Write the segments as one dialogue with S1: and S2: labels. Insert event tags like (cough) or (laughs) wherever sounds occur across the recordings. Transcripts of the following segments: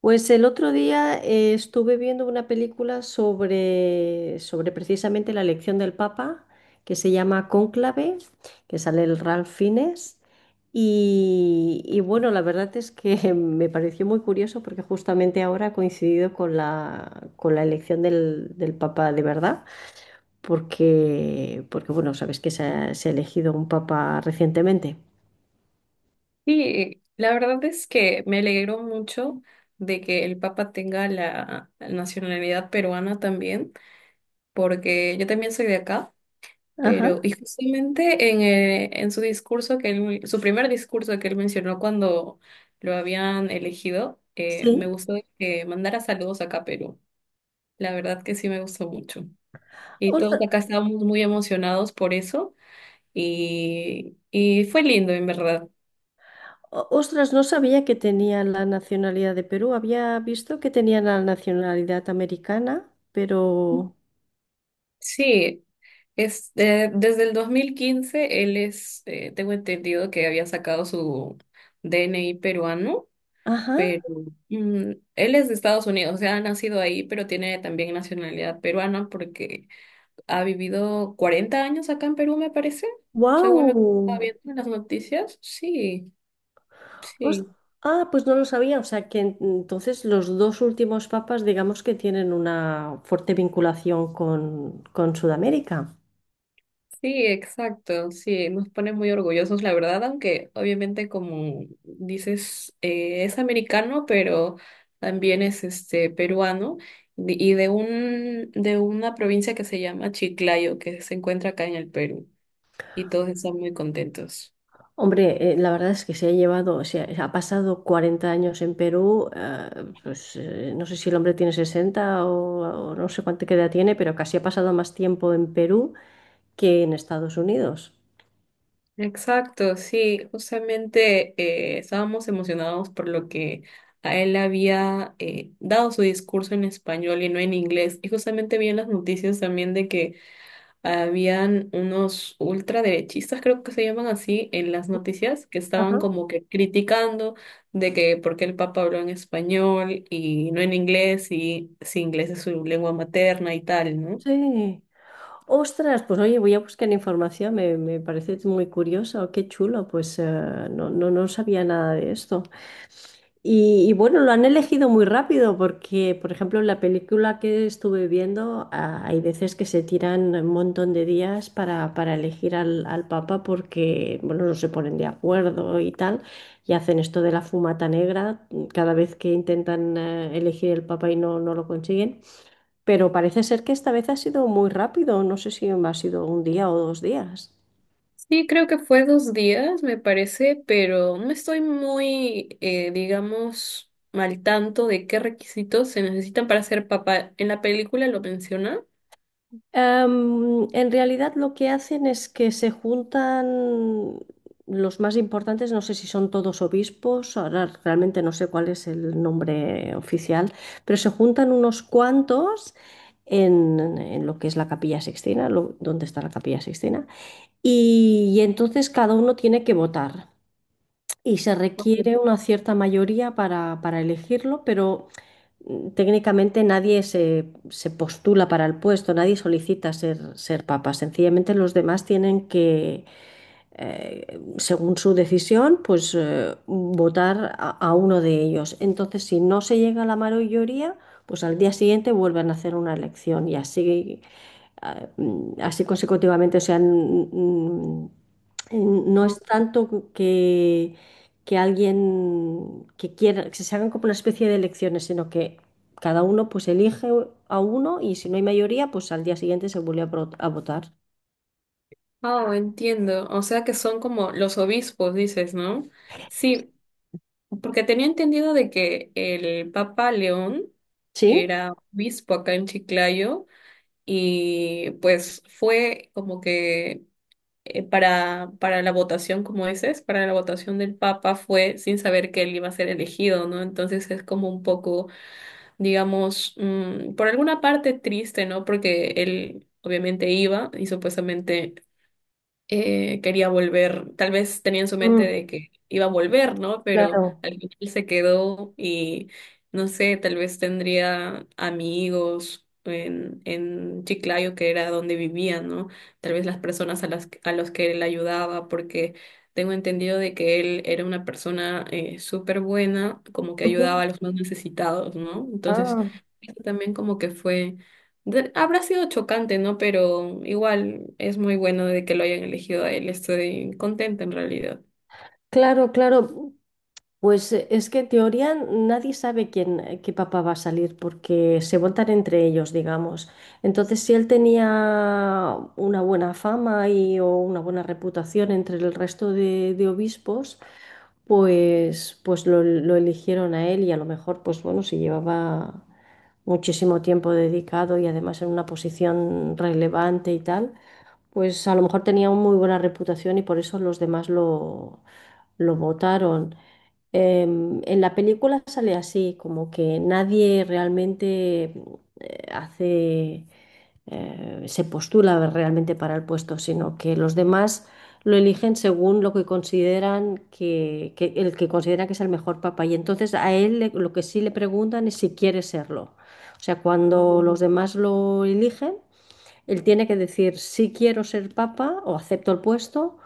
S1: Pues el otro día estuve viendo una película sobre precisamente la elección del Papa, que se llama Cónclave, que sale el Ralph Fiennes. Y bueno, la verdad es que (laughs) me pareció muy curioso porque justamente ahora ha coincidido con la elección del Papa de verdad, porque bueno, sabes que se ha elegido un Papa recientemente.
S2: Sí, la verdad es que me alegro mucho de que el Papa tenga la nacionalidad peruana también, porque yo también soy de acá,
S1: Ajá,
S2: pero y justamente en su discurso que él, su primer discurso que él mencionó cuando lo habían elegido, me
S1: sí.
S2: gustó que mandara saludos acá a Perú. La verdad que sí me gustó mucho. Y todos acá estábamos muy emocionados por eso y fue lindo en verdad.
S1: Ostras, no sabía que tenían la nacionalidad de Perú. Había visto que tenían la nacionalidad americana, pero.
S2: Sí, es, desde el 2015 él es, tengo entendido que había sacado su DNI peruano,
S1: Ajá,
S2: pero él es de Estados Unidos, o sea, ha nacido ahí, pero tiene también nacionalidad peruana porque ha vivido 40 años acá en Perú, me parece, según lo que estaba
S1: wow.
S2: viendo en las noticias. Sí, sí.
S1: Ah, pues no lo sabía. O sea que entonces los dos últimos papas, digamos que tienen una fuerte vinculación con Sudamérica.
S2: Sí, exacto, sí, nos pone muy orgullosos, la verdad, aunque obviamente como dices, es americano, pero también es este peruano de una provincia que se llama Chiclayo, que se encuentra acá en el Perú, y todos están muy contentos.
S1: Hombre, la verdad es que se ha llevado, se ha, ha pasado 40 años en Perú, pues no sé si el hombre tiene 60 o no sé cuánta edad tiene, pero casi ha pasado más tiempo en Perú que en Estados Unidos.
S2: Exacto, sí, justamente estábamos emocionados por lo que a él había dado su discurso en español y no en inglés, y justamente vi en las noticias también de que habían unos ultraderechistas, creo que se llaman así, en las noticias, que
S1: Ajá.
S2: estaban como que criticando de que por qué el Papa habló en español y no en inglés, y si inglés es su lengua materna y tal, ¿no?
S1: Sí. Ostras, pues oye, voy a buscar información, me parece muy curioso, qué chulo, pues no, no, no sabía nada de esto. Y bueno, lo han elegido muy rápido porque, por ejemplo, en la película que estuve viendo, hay veces que se tiran un montón de días para elegir al Papa porque, bueno, no se ponen de acuerdo y tal, y hacen esto de la fumata negra cada vez que intentan elegir el Papa y no lo consiguen. Pero parece ser que esta vez ha sido muy rápido, no sé si ha sido un día o 2 días.
S2: Sí, creo que fue 2 días, me parece, pero no estoy muy, digamos, al tanto de qué requisitos se necesitan para ser papá. En la película lo menciona.
S1: En realidad lo que hacen es que se juntan los más importantes, no sé si son todos obispos, ahora realmente no sé cuál es el nombre oficial, pero se juntan unos cuantos en, lo que es la Capilla Sixtina, donde está la Capilla Sixtina, y entonces cada uno tiene que votar. Y se requiere una cierta mayoría para elegirlo, pero técnicamente nadie se postula para el puesto, nadie solicita ser papa. Sencillamente los demás tienen que, según su decisión, pues votar a uno de ellos. Entonces, si no se llega a la mayoría, pues al día siguiente vuelven a hacer una elección y así, así consecutivamente. O sea, no es tanto que, alguien que quiera, que se hagan como una especie de elecciones, sino que cada uno pues elige a uno y si no hay mayoría, pues al día siguiente se vuelve a votar.
S2: Oh, entiendo. O sea que son como los obispos, dices, ¿no? Sí, porque tenía entendido de que el Papa León
S1: ¿Sí?
S2: era obispo acá en Chiclayo y pues fue como que para la votación, como dices, para la votación del Papa fue sin saber que él iba a ser elegido, ¿no? Entonces es como un poco, digamos, por alguna parte triste, ¿no? Porque él obviamente iba y supuestamente quería volver, tal vez tenía en su mente
S1: Mm,
S2: de que iba a volver, ¿no? Pero
S1: claro.
S2: al final se quedó y no sé, tal vez tendría amigos en Chiclayo, que era donde vivía, ¿no? Tal vez las personas a las, a los que él ayudaba, porque tengo entendido de que él era una persona súper buena, como que ayudaba a los más necesitados, ¿no? Entonces
S1: Ah,
S2: también como que fue, habrá sido chocante, ¿no? Pero igual es muy bueno de que lo hayan elegido a él. Estoy contenta en realidad.
S1: claro, claro. Pues es que en teoría nadie sabe qué papá va a salir porque se votan entre ellos, digamos. Entonces, si él tenía una buena fama o una buena reputación entre el resto de obispos, pues lo eligieron a él y a lo mejor, pues bueno, si llevaba muchísimo tiempo dedicado y además en una posición relevante y tal pues a lo mejor tenía una muy buena reputación y por eso los demás lo votaron. En la película sale así, como que nadie realmente eh, hace, se postula realmente para el puesto, sino que los demás lo eligen según lo que consideran que el que consideran que es el mejor papá. Y entonces a él lo que sí le preguntan es si quiere serlo. O sea, cuando
S2: Ujú.
S1: los demás lo eligen. Él tiene que decir si quiero ser papa o acepto el puesto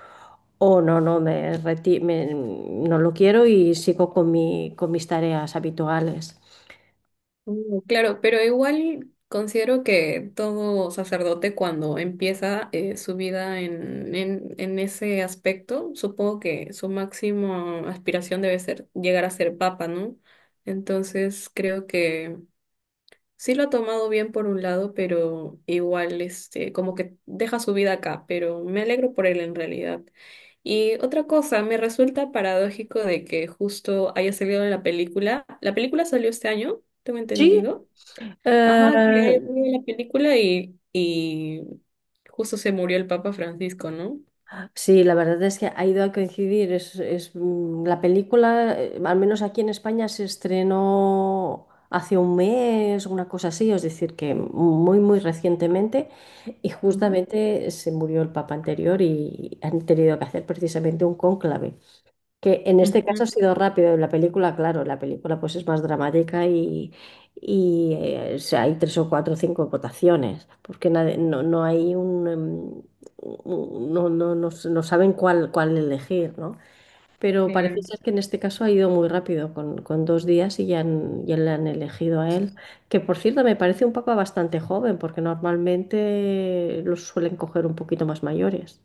S1: o no, no lo quiero y sigo con mis tareas habituales.
S2: Mm, claro, pero igual considero que todo sacerdote cuando empieza su vida en ese aspecto, supongo que su máxima aspiración debe ser llegar a ser papa, ¿no? Entonces creo que sí lo ha tomado bien por un lado, pero igual, este, como que deja su vida acá, pero me alegro por él en realidad. Y otra cosa, me resulta paradójico de que justo haya salido la película. La película salió este año, tengo
S1: Sí,
S2: entendido. Ajá, que haya
S1: eh,
S2: salido la película y justo se murió el Papa Francisco, ¿no?
S1: sí, la verdad es que ha ido a coincidir. La película, al menos aquí en España, se estrenó hace un mes, una cosa así, es decir, que muy, muy recientemente, y
S2: Ujú.
S1: justamente se murió el papa anterior y han tenido que hacer precisamente un cónclave. Que en este
S2: Ujú,
S1: caso ha sido rápido. En la película, claro, la película pues es más dramática o sea, hay tres o cuatro o cinco votaciones, porque no, no hay un, no, no, no saben cuál elegir, ¿no? Pero parece
S2: claro.
S1: ser que en este caso ha ido muy rápido, con, 2 días y ya, ya le han elegido a él. Que por cierto me parece un papa bastante joven, porque normalmente los suelen coger un poquito más mayores.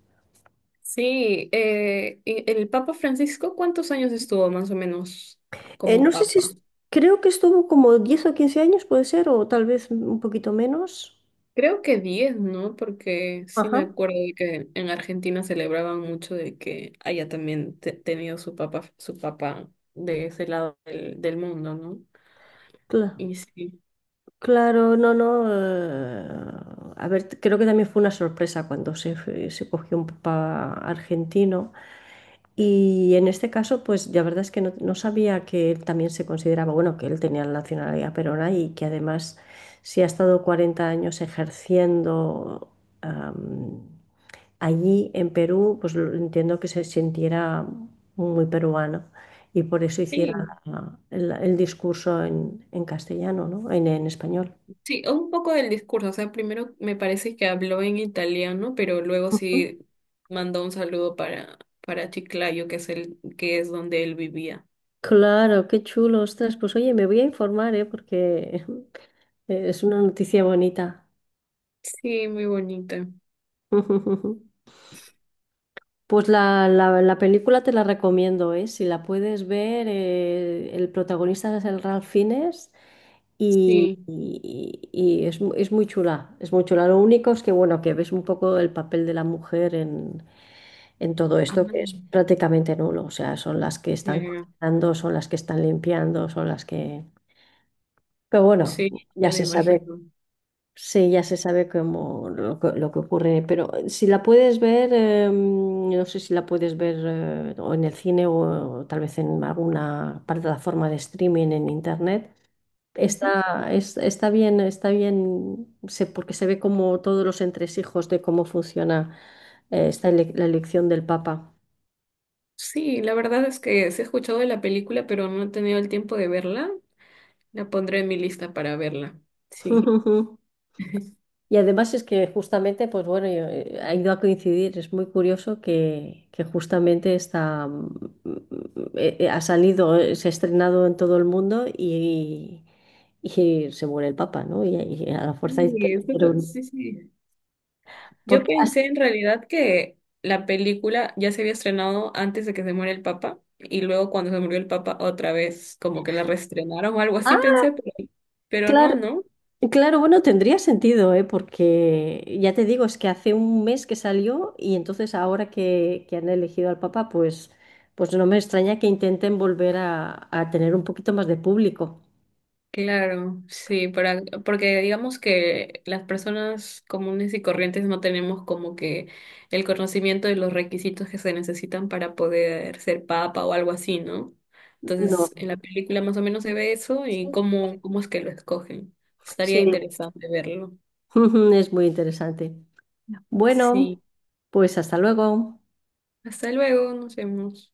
S2: Sí, y el Papa Francisco, ¿cuántos años estuvo más o menos como
S1: No sé si,
S2: Papa?
S1: creo que estuvo como 10 o 15 años, puede ser, o tal vez un poquito menos.
S2: Creo que 10, ¿no? Porque sí
S1: Ajá.
S2: me acuerdo de que en Argentina celebraban mucho de que haya también tenido su papá de ese lado del mundo, ¿no?
S1: Cla-
S2: Y sí.
S1: claro, no, no. A ver, creo que también fue una sorpresa cuando se cogió un papá argentino. Y en este caso, pues la verdad es que no sabía que él también se consideraba, bueno, que él tenía la nacionalidad peruana y que además, si ha estado 40 años ejerciendo, allí en Perú, pues entiendo que se sintiera muy peruano y por eso hiciera
S2: Sí,
S1: el discurso en, castellano, ¿no? En español.
S2: sí, un poco del discurso. O sea, primero me parece que habló en italiano, pero luego
S1: Ujú.
S2: sí mandó un saludo para, Chiclayo, que es el, que es donde él vivía.
S1: Claro, qué chulo, ostras. Pues oye, me voy a informar, ¿eh? Porque (laughs) es una noticia bonita.
S2: Sí, muy bonita.
S1: (laughs) Pues la película te la recomiendo, ¿eh? Si la puedes ver, el protagonista es el Ralph Fiennes y,
S2: Sí.
S1: y- y es muy chula, es muy chula. Lo único es que, bueno, que ves un poco el papel de la mujer en, todo
S2: Ah,
S1: esto, que es prácticamente nulo. O sea, son las que están
S2: claro.
S1: cocinando, son las que están limpiando, son las que. Pero bueno,
S2: Sí,
S1: ya
S2: ya me
S1: se sabe.
S2: imagino.
S1: Sí, ya se sabe cómo que lo que ocurre, pero si la puedes ver, no sé si la puedes ver o en el cine o, tal vez en alguna plataforma de streaming en internet. Está bien, está bien, porque se ve como todos los entresijos de cómo funciona esta la elección del Papa.
S2: Sí, la verdad es que sí he escuchado de la película, pero no he tenido el tiempo de verla. La pondré en mi lista para verla. Sí.
S1: (laughs)
S2: (laughs)
S1: Y además es que justamente, pues bueno, ha ido a coincidir, es muy curioso que justamente ha salido, se ha estrenado en todo el mundo y se muere el Papa, ¿no? Y a la fuerza es que
S2: Sí,
S1: le hicieron.
S2: sí, sí. Yo
S1: Porque has-
S2: pensé en realidad que la película ya se había estrenado antes de que se muera el Papa y luego cuando se murió el Papa otra vez como que la reestrenaron o algo
S1: Ah,
S2: así pensé, pero, no,
S1: claro,
S2: ¿no?
S1: claro, bueno, tendría sentido, ¿eh? Porque ya te digo, es que hace un mes que salió y entonces ahora que han elegido al Papa, pues no me extraña que intenten volver a tener un poquito más de público.
S2: Claro, sí, para, porque digamos que las personas comunes y corrientes no tenemos como que el conocimiento de los requisitos que se necesitan para poder ser papa o algo así, ¿no?
S1: No,
S2: Entonces, en la película más o menos se ve eso y cómo es que lo escogen. Estaría
S1: sí,
S2: interesante verlo.
S1: (laughs) es muy interesante. Bueno,
S2: Sí,
S1: pues hasta luego.
S2: hasta luego, nos vemos.